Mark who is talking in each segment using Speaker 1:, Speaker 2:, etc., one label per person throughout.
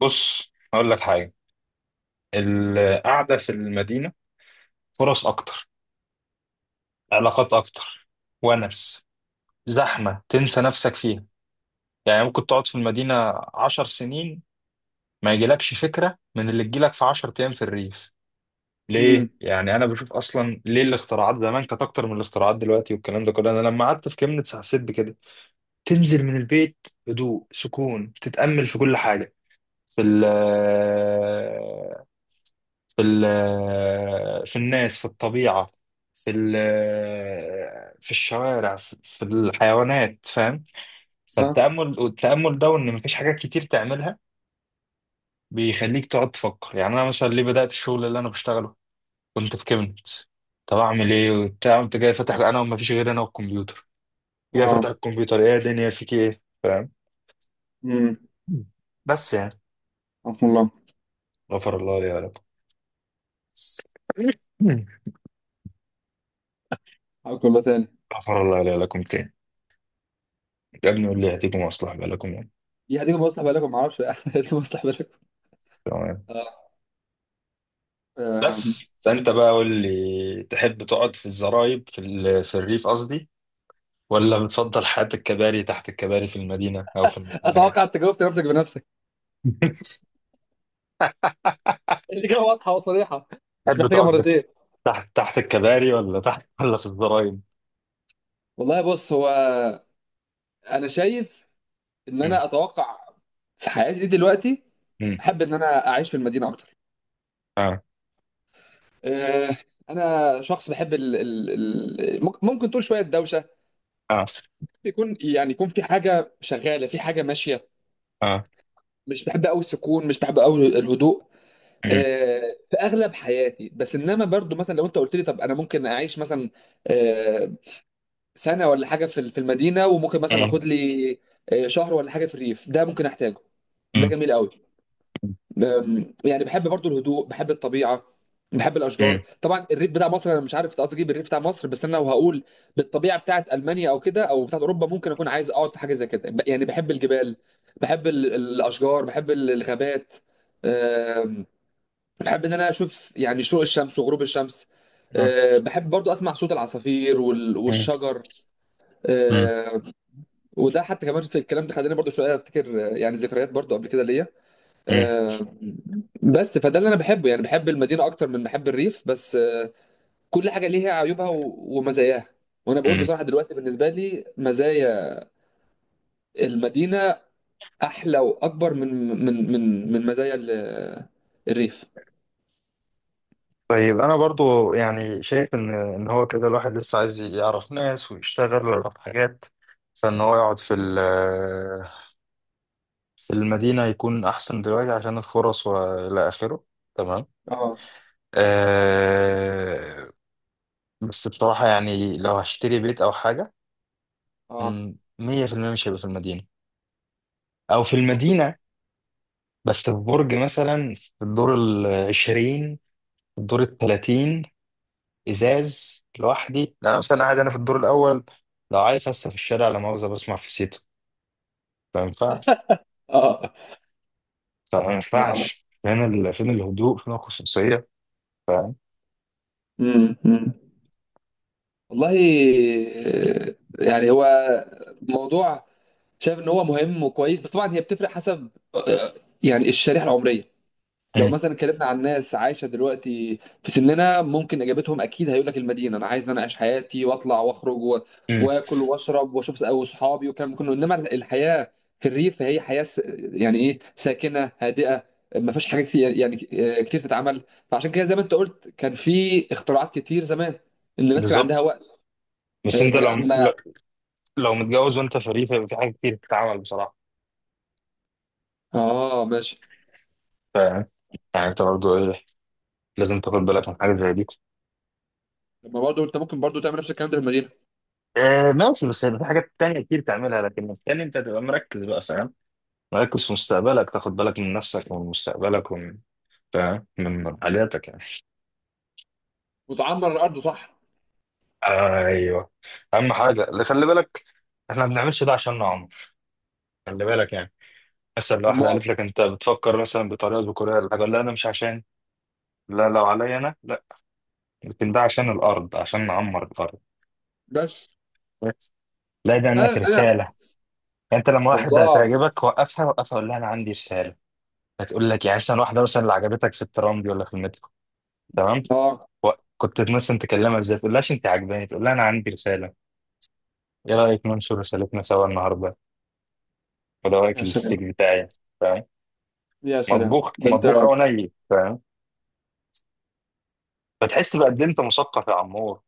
Speaker 1: بص، هقول لك حاجة. القعدة في المدينة، فرص أكتر، علاقات أكتر، ونس، زحمة تنسى نفسك فيها. يعني ممكن تقعد في المدينة 10 سنين ما يجيلكش فكرة من اللي تجيلك في 10 أيام في الريف.
Speaker 2: امم.
Speaker 1: ليه؟ يعني أنا بشوف أصلا ليه الاختراعات زمان كانت أكتر من الاختراعات دلوقتي، والكلام ده كله، أنا لما قعدت في كيمنيتس حسيت بكده. تنزل من البيت، هدوء، سكون، تتأمل في كل حاجة. في ال في ال- آه، في الناس، في الطبيعة. في ال- آه، في الشوارع، في الحيوانات، فاهم؟
Speaker 2: ها.
Speaker 1: فالتأمل، والتأمل ده، وإن مفيش حاجات كتير تعملها، بيخليك تقعد تفكر. يعني أنا مثلا ليه بدأت الشغل اللي أنا بشتغله؟ كنت في كيمنت، طب أعمل إيه وبتاع، كنت جاي فاتح، أنا ومفيش غير أنا والكمبيوتر، جاي فاتح
Speaker 2: اه.
Speaker 1: الكمبيوتر، إيه يا دنيا فيك إيه، فاهم؟
Speaker 2: امم.
Speaker 1: بس يعني،
Speaker 2: رحم الله.
Speaker 1: غفر الله لي ولكم.
Speaker 2: حياكم الله تاني.
Speaker 1: غفر الله لي ولكم تاني. يا ابني قول لي، هتيجوا مصلحة بقى لكم يعني؟
Speaker 2: دي هتيجي مصلح بالكم، ما اعرفش هتيجي مصلح بالكم.
Speaker 1: تمام.
Speaker 2: اه. آم.
Speaker 1: بس فانت بقى قول لي، تحب تقعد في الزرايب، في الريف قصدي، ولا بتفضل حياة الكباري، تحت الكباري، في المدينة، يعني؟
Speaker 2: اتوقع انت جاوبت نفسك بنفسك. الاجابه واضحه وصريحه، مش
Speaker 1: تحب
Speaker 2: محتاجه
Speaker 1: تقعد بت-
Speaker 2: مرتين.
Speaker 1: تحت الكباري، ولا تحت، ولا في الزرايب؟
Speaker 2: والله، بص، هو انا شايف ان
Speaker 1: مم.
Speaker 2: انا اتوقع في حياتي دي دلوقتي
Speaker 1: مم.
Speaker 2: احب ان انا اعيش في المدينه اكتر.
Speaker 1: اه،
Speaker 2: آه، انا شخص بحب ال ال ال ممكن ممكن تقول شويه دوشه،
Speaker 1: اه،
Speaker 2: يكون يعني يكون في حاجه شغاله، في حاجه ماشيه.
Speaker 1: اه.
Speaker 2: مش بحب قوي السكون، مش بحب قوي الهدوء.
Speaker 1: مم.
Speaker 2: آه، في اغلب حياتي، بس انما برضو مثلا لو انت قلت لي طب انا ممكن اعيش مثلا آه، سنه ولا حاجه في ال- في المدينه، وممكن مثلا
Speaker 1: مم.
Speaker 2: اخد لي شهر ولا حاجه في الريف، ده ممكن احتاجه. ده
Speaker 1: مم.
Speaker 2: جميل قوي. يعني بحب برضو الهدوء، بحب الطبيعه، بحب
Speaker 1: مم.
Speaker 2: الاشجار. طبعا الريف بتاع مصر، انا مش عارف قصدي اجيب الريف بتاع مصر، بس انا لو هقول بالطبيعه بتاعت المانيا او كده او بتاعت اوروبا، ممكن اكون عايز اقعد في حاجه زي كده. ب- يعني بحب الجبال، بحب ال- الاشجار، بحب ال- الغابات، بحب ان انا اشوف يعني شروق الشمس وغروب الشمس. أه، بحب برضو اسمع صوت العصافير وال-
Speaker 1: مم. مم.
Speaker 2: والشجر. أه، وده حتى كمان في الكلام ده خلاني برضو شويه افتكر يعني ذكريات برضو قبل كده ليا.
Speaker 1: مم.
Speaker 2: أه، بس فده اللي انا بحبه، يعني بحب المدينه اكتر من بحب الريف، بس أه كل حاجه ليها عيوبها و- ومزاياها. وانا بقول
Speaker 1: مم.
Speaker 2: بصراحه دلوقتي بالنسبه لي مزايا المدينه احلى واكبر من من مزايا ال- الريف.
Speaker 1: طيب، انا برضو يعني شايف ان هو كده الواحد لسه عايز يعرف ناس ويشتغل ويعرف حاجات، عشان ان هو يقعد في المدينة يكون احسن دلوقتي، عشان الفرص والى اخره، تمام.
Speaker 2: اه.
Speaker 1: أه، بس بصراحة يعني لو هشتري بيت او حاجة،
Speaker 2: اه.
Speaker 1: 100% مش هيبقى في المدينة. او في
Speaker 2: اوكي.
Speaker 1: المدينة بس في برج مثلا، في الدور العشرين، الدور التلاتين. ازاز لوحدي، لا مثلا قاعد انا في الدور الاول، لو عايز هسه في الشارع، لا مؤاخذه بسمع في سيتو. ما ينفعش،
Speaker 2: اه.
Speaker 1: ما
Speaker 2: آه.
Speaker 1: ينفعش. فين الهدوء؟ فين الخصوصيه؟ فاهم؟
Speaker 2: مم. مم. والله، آه، يعني هو موضوع شايف ان هو مهم وكويس، بس طبعا هي بتفرق حسب يعني الشريحه العمريه. لو
Speaker 1: مم.
Speaker 2: مثلا اتكلمنا عن ناس عايشه دلوقتي في سننا، ممكن اجابتهم اكيد هيقول لك المدينه. انا عايز ان انا اعيش حياتي واطلع واخرج و-
Speaker 1: مم.
Speaker 2: واكل واشرب واشوف اصحابي والكلام ده كله. انما الحياه في الريف هي حياه س- يعني ايه، ساكنه هادئه، ما فيش حاجه كتير يعني كتير تتعمل. فعشان كده زي ما انت قلت كان في اختراعات كتير زمان، ان الناس كان
Speaker 1: بالظبط.
Speaker 2: عندها وقت.
Speaker 1: بس انت
Speaker 2: ما
Speaker 1: لو
Speaker 2: ما-.
Speaker 1: لو متجوز وانت فري، فيبقى في حاجات كتير بتتعمل بصراحه،
Speaker 2: اه، ماشي.
Speaker 1: فاهم؟ يعني انت برضه ايه، لازم تاخد بالك من حاجه زي دي.
Speaker 2: طب ما برضه انت ممكن برضه تعمل نفس الكلام ده في المدينه
Speaker 1: آه ماشي، بس هيبقى في حاجات تانية كتير تعملها، لكن التاني انت تبقى مركز بقى، فاهم؟ مركز في مستقبلك، تاخد بالك من نفسك، ومن مستقبلك، ومن، فاهم، من حاجاتك
Speaker 2: وتعمر
Speaker 1: يعني.
Speaker 2: الارض، صح.
Speaker 1: ايوه، اهم حاجه، اللي خلي بالك، احنا ما بنعملش ده عشان عمر، خلي بالك يعني. مثلا لو واحده
Speaker 2: ما
Speaker 1: قالت لك انت بتفكر مثلا بطريقه ذكوريه ولا حاجه، لا، انا مش عشان، لا، لو عليا انا لا، لكن ده عشان الارض، عشان نعمر الارض.
Speaker 2: بس
Speaker 1: بس. لا ده انا في
Speaker 2: انا.
Speaker 1: رساله. انت لما واحده
Speaker 2: الله.
Speaker 1: هتعجبك، وقفها، وقفها، قول لها انا عندي رساله. هتقول لك يعني، مثلا واحده، مثلا اللي عجبتك في الترام دي ولا في المترو، تمام.
Speaker 2: اه.
Speaker 1: و- كنت مثلا تكلمها ازاي، تقول لهاش انت عجباني، تقول لها انا عندي رساله، ايه رايك ننشر رسالتنا سوا النهارده؟ وده رايك،
Speaker 2: يا سلام،
Speaker 1: الاستيك بتاعي
Speaker 2: يا سلام
Speaker 1: مطبوخ
Speaker 2: ده انت.
Speaker 1: مطبوخ او ني، فاهم؟ فتحس بقد إيه انت مثقف يا عمور.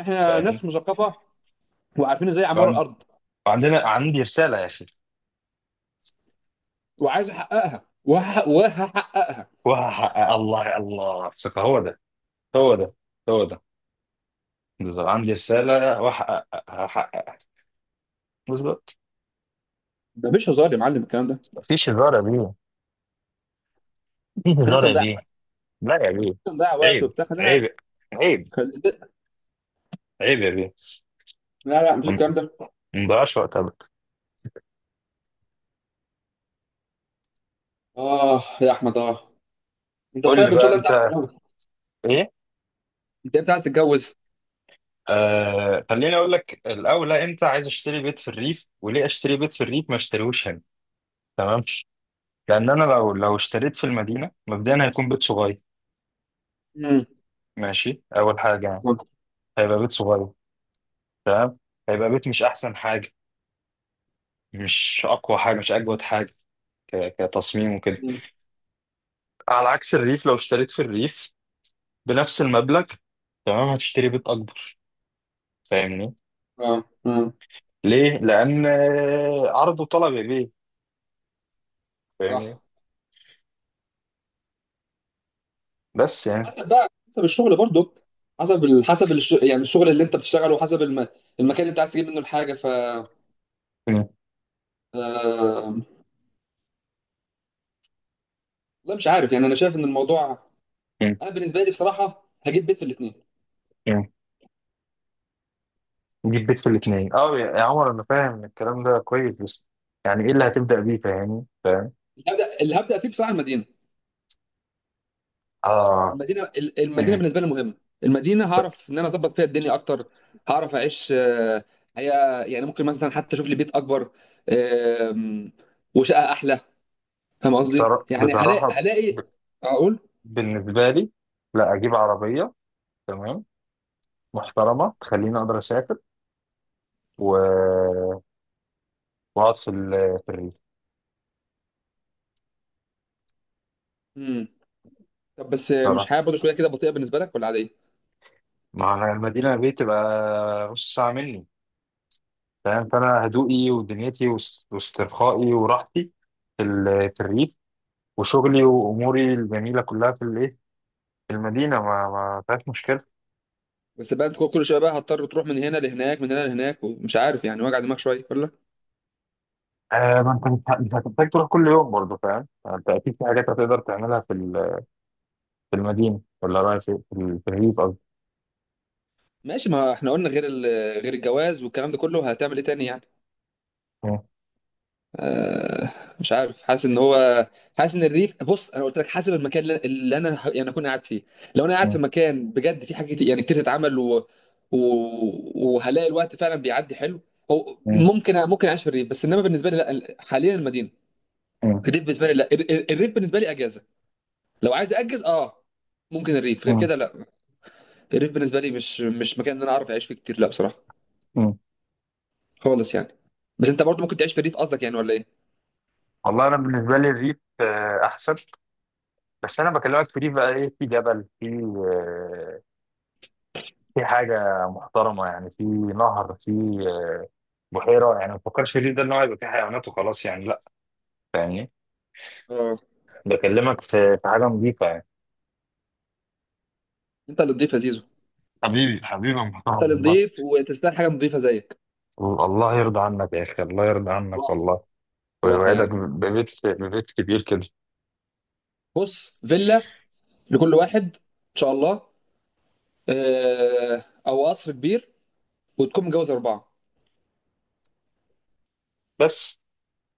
Speaker 2: احنا
Speaker 1: فاهم؟
Speaker 2: ناس مثقفه وعارفين ازاي اعمار
Speaker 1: وعن-
Speaker 2: الارض،
Speaker 1: عندي رساله يا اخي،
Speaker 2: وعايز احققها وهح- وهحققها.
Speaker 1: وهحقق. الله، الله، الثقه هو ده، هو ده، هو ده. بالظبط، عندي رساله، هحققها. بالظبط.
Speaker 2: ده مش هزار يا معلم الكلام ده.
Speaker 1: مفيش هزار يا بيه، مفيش
Speaker 2: احنا
Speaker 1: هزار يا بيه. لا يا بيه،
Speaker 2: لسه نضيع وقت
Speaker 1: عيب،
Speaker 2: وبتاع، خلينا.
Speaker 1: عيب، عيب،
Speaker 2: خل...
Speaker 1: عيب يا بيه.
Speaker 2: لا لا، مش
Speaker 1: ما
Speaker 2: الكلام ده.
Speaker 1: ما نضيعش وقت ابدا.
Speaker 2: اه يا احمد، اه. انت
Speaker 1: قول لي
Speaker 2: طيب ان شاء
Speaker 1: بقى
Speaker 2: الله، انت
Speaker 1: انت
Speaker 2: عايز تتجوز؟
Speaker 1: ايه.
Speaker 2: انت امتى عايز تتجوز؟
Speaker 1: آه، خليني اقول لك الاول، امتى عايز اشتري بيت في الريف، وليه اشتري بيت في الريف ما اشتريهوش هنا. تمام. لان انا لو اشتريت في المدينه مبدئيا هيكون بيت صغير،
Speaker 2: امم.
Speaker 1: ماشي، اول حاجه يعني، هيبقى بيت صغير. تمام. هيبقى بيت مش احسن حاجه، مش اقوى حاجه، مش اجود حاجه، كتصميم وكده.
Speaker 2: أمم.
Speaker 1: على عكس الريف، لو اشتريت في الريف بنفس المبلغ، تمام، هتشتري بيت اكبر، فاهمني؟
Speaker 2: اه. اه.
Speaker 1: ليه؟ لان، آه، عرض وطلب يا بيه،
Speaker 2: صح.
Speaker 1: فاهمني؟ بس يعني،
Speaker 2: حسب بقى، حسب الشغل برضه. حسب ال... حسب الش... يعني الشغل اللي انت بتشتغله، وحسب الم... المكان اللي انت عايز تجيب منه الحاجه. ف
Speaker 1: م-
Speaker 2: آه، والله مش عارف، يعني انا شايف ان الموضوع
Speaker 1: م-
Speaker 2: انا بالنسبه لي بصراحه هجيب بيت في الاثنين.
Speaker 1: م. نجيب بيت في الاثنين. اه، يا عمر، انا فاهم الكلام ده كويس، بس يعني ايه اللي هتبدا بيه، فاهمني؟ فاهم،
Speaker 2: اللي هبدا فيه بصراحه المدينه.
Speaker 1: اه،
Speaker 2: المدينه ال- المدينه
Speaker 1: م.
Speaker 2: بالنسبه لي مهمه. المدينه هعرف ان انا اظبط فيها الدنيا اكتر، هعرف اعيش حياه. يعني ممكن مثلا حتى اشوف لي بيت اكبر، آم، وشقه احلى. فاهم قصدي؟ يعني هلاقي
Speaker 1: بصراحة،
Speaker 2: هلاقي
Speaker 1: ب-
Speaker 2: اقول.
Speaker 1: بالنسبة لي، لا أجيب عربية، تمام، محترمة، تخليني أقدر أسافر، و... وأقعد في الريف.
Speaker 2: امم. طب بس مش
Speaker 1: بصراحة،
Speaker 2: حياه برضه شويه كده بطيئه بالنسبه لك ولا عاديه؟
Speaker 1: ما أنا المدينة اللي بيه تبقى نص ساعة مني، تمام. فأنا هدوئي ودنيتي واسترخائي وراحتي في الريف، وشغلي وأموري الجميلة كلها في الإيه، في المدينة، ما فيهاش مشكلة.
Speaker 2: بس بقى انت كل كل شويه بقى هتضطر تروح من هنا لهناك، من هنا لهناك، ومش عارف، يعني وجع دماغ شويه ولا؟
Speaker 1: آه، ما أنت مش مش هتحتاج تروح كل يوم برضه، فاهم يعني؟ أنت أكيد في حاجات هتقدر تعملها في المدينة، ولا رأيك إيه؟ في الريف.
Speaker 2: ماشي، ما احنا قلنا غير ال... غير الجواز والكلام ده كله، هتعمل ايه تاني يعني؟
Speaker 1: مم.
Speaker 2: آه، مش عارف، حاسس ان هو، حاسس ان الريف، بص انا قلت لك حسب المكان اللي انا ه- يعني اكون قاعد فيه. لو انا قاعد
Speaker 1: مم.
Speaker 2: في مكان بجد، في حاجه كتير- يعني كتير تتعمل و... و... وهلاقي الوقت فعلا بيعدي حلو. أو
Speaker 1: مم.
Speaker 2: ممكن اعيش في الريف، بس انما بالنسبه لي لا، حاليا المدينه.
Speaker 1: مم.
Speaker 2: الريف بالنسبه لي لا، ال- ال- الريف بالنسبه لي اجازه. لو عايز اجز اه، ممكن الريف غير
Speaker 1: مم.
Speaker 2: كده لا. الريف بالنسبه لي مش مكان ان انا اعرف اعيش فيه كتير، لا بصراحه
Speaker 1: مم.
Speaker 2: خالص يعني. بس انت برضو ممكن تعيش في الريف قصدك يعني ولا ايه؟
Speaker 1: والله، انا بالنسبه لي الريف، آه، احسن. بس انا بكلمك في ريف بقى ايه، في جبل، في، آه، في حاجه محترمه يعني، في نهر، في، آه، بحيره يعني. ما تفكرش الريف ده ان هو يبقى فيه حيوانات وخلاص يعني، لا. يعني،
Speaker 2: اه.
Speaker 1: بكلمك في حاجه نظيفه يعني.
Speaker 2: انت اللي نضيف يا زيزو.
Speaker 1: حبيبي حبيبي يا محترم،
Speaker 2: انت اللي
Speaker 1: والله.
Speaker 2: نضيف وتستاهل حاجه نضيفه زيك.
Speaker 1: الله يرضى عنك يا اخي، الله يرضى عنك
Speaker 2: صراحه،
Speaker 1: والله.
Speaker 2: صراحه
Speaker 1: ويوعدك
Speaker 2: يعني.
Speaker 1: ببيت، كبير كده.
Speaker 2: بص، فيلا لكل واحد ان شاء الله. اه، او قصر كبير، وتكون متجوز 4.
Speaker 1: بس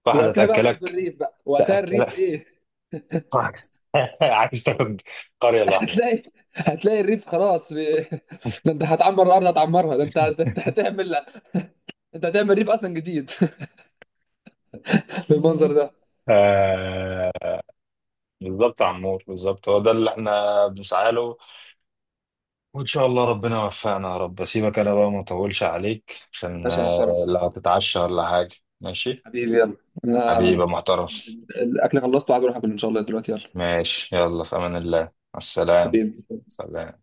Speaker 1: واحده
Speaker 2: وقتها بقى تقف في
Speaker 1: تاكلك،
Speaker 2: الريف، بقى وقتها الريف
Speaker 1: تاكلك.
Speaker 2: ايه.
Speaker 1: عايز تاخد قرية لوحدك.
Speaker 2: هتلاقي هتلاقي الريف خلاص ب... ده انت هتعمر الارض، هتعمرها، ده انت هتعمل، انت هتعمل ريف اصلا جديد، بالمنظر ده.
Speaker 1: آه، بالظبط يا عمور، بالظبط هو ده اللي احنا بنسعى له. وان شاء الله ربنا يوفقنا يا رب. سيبك انا بقى، ما اطولش عليك، عشان
Speaker 2: ماشي يا محترم.
Speaker 1: آه، لا هتتعشى ولا حاجة. ماشي،
Speaker 2: حبيبي يلا. انا
Speaker 1: حبيبي يا محترم.
Speaker 2: الاكل خلصته وعايز اروح اكل ان شاء الله دلوقتي. يلا
Speaker 1: ماشي، يلا، في امان الله، مع السلامة.
Speaker 2: حبيبي.
Speaker 1: سلام.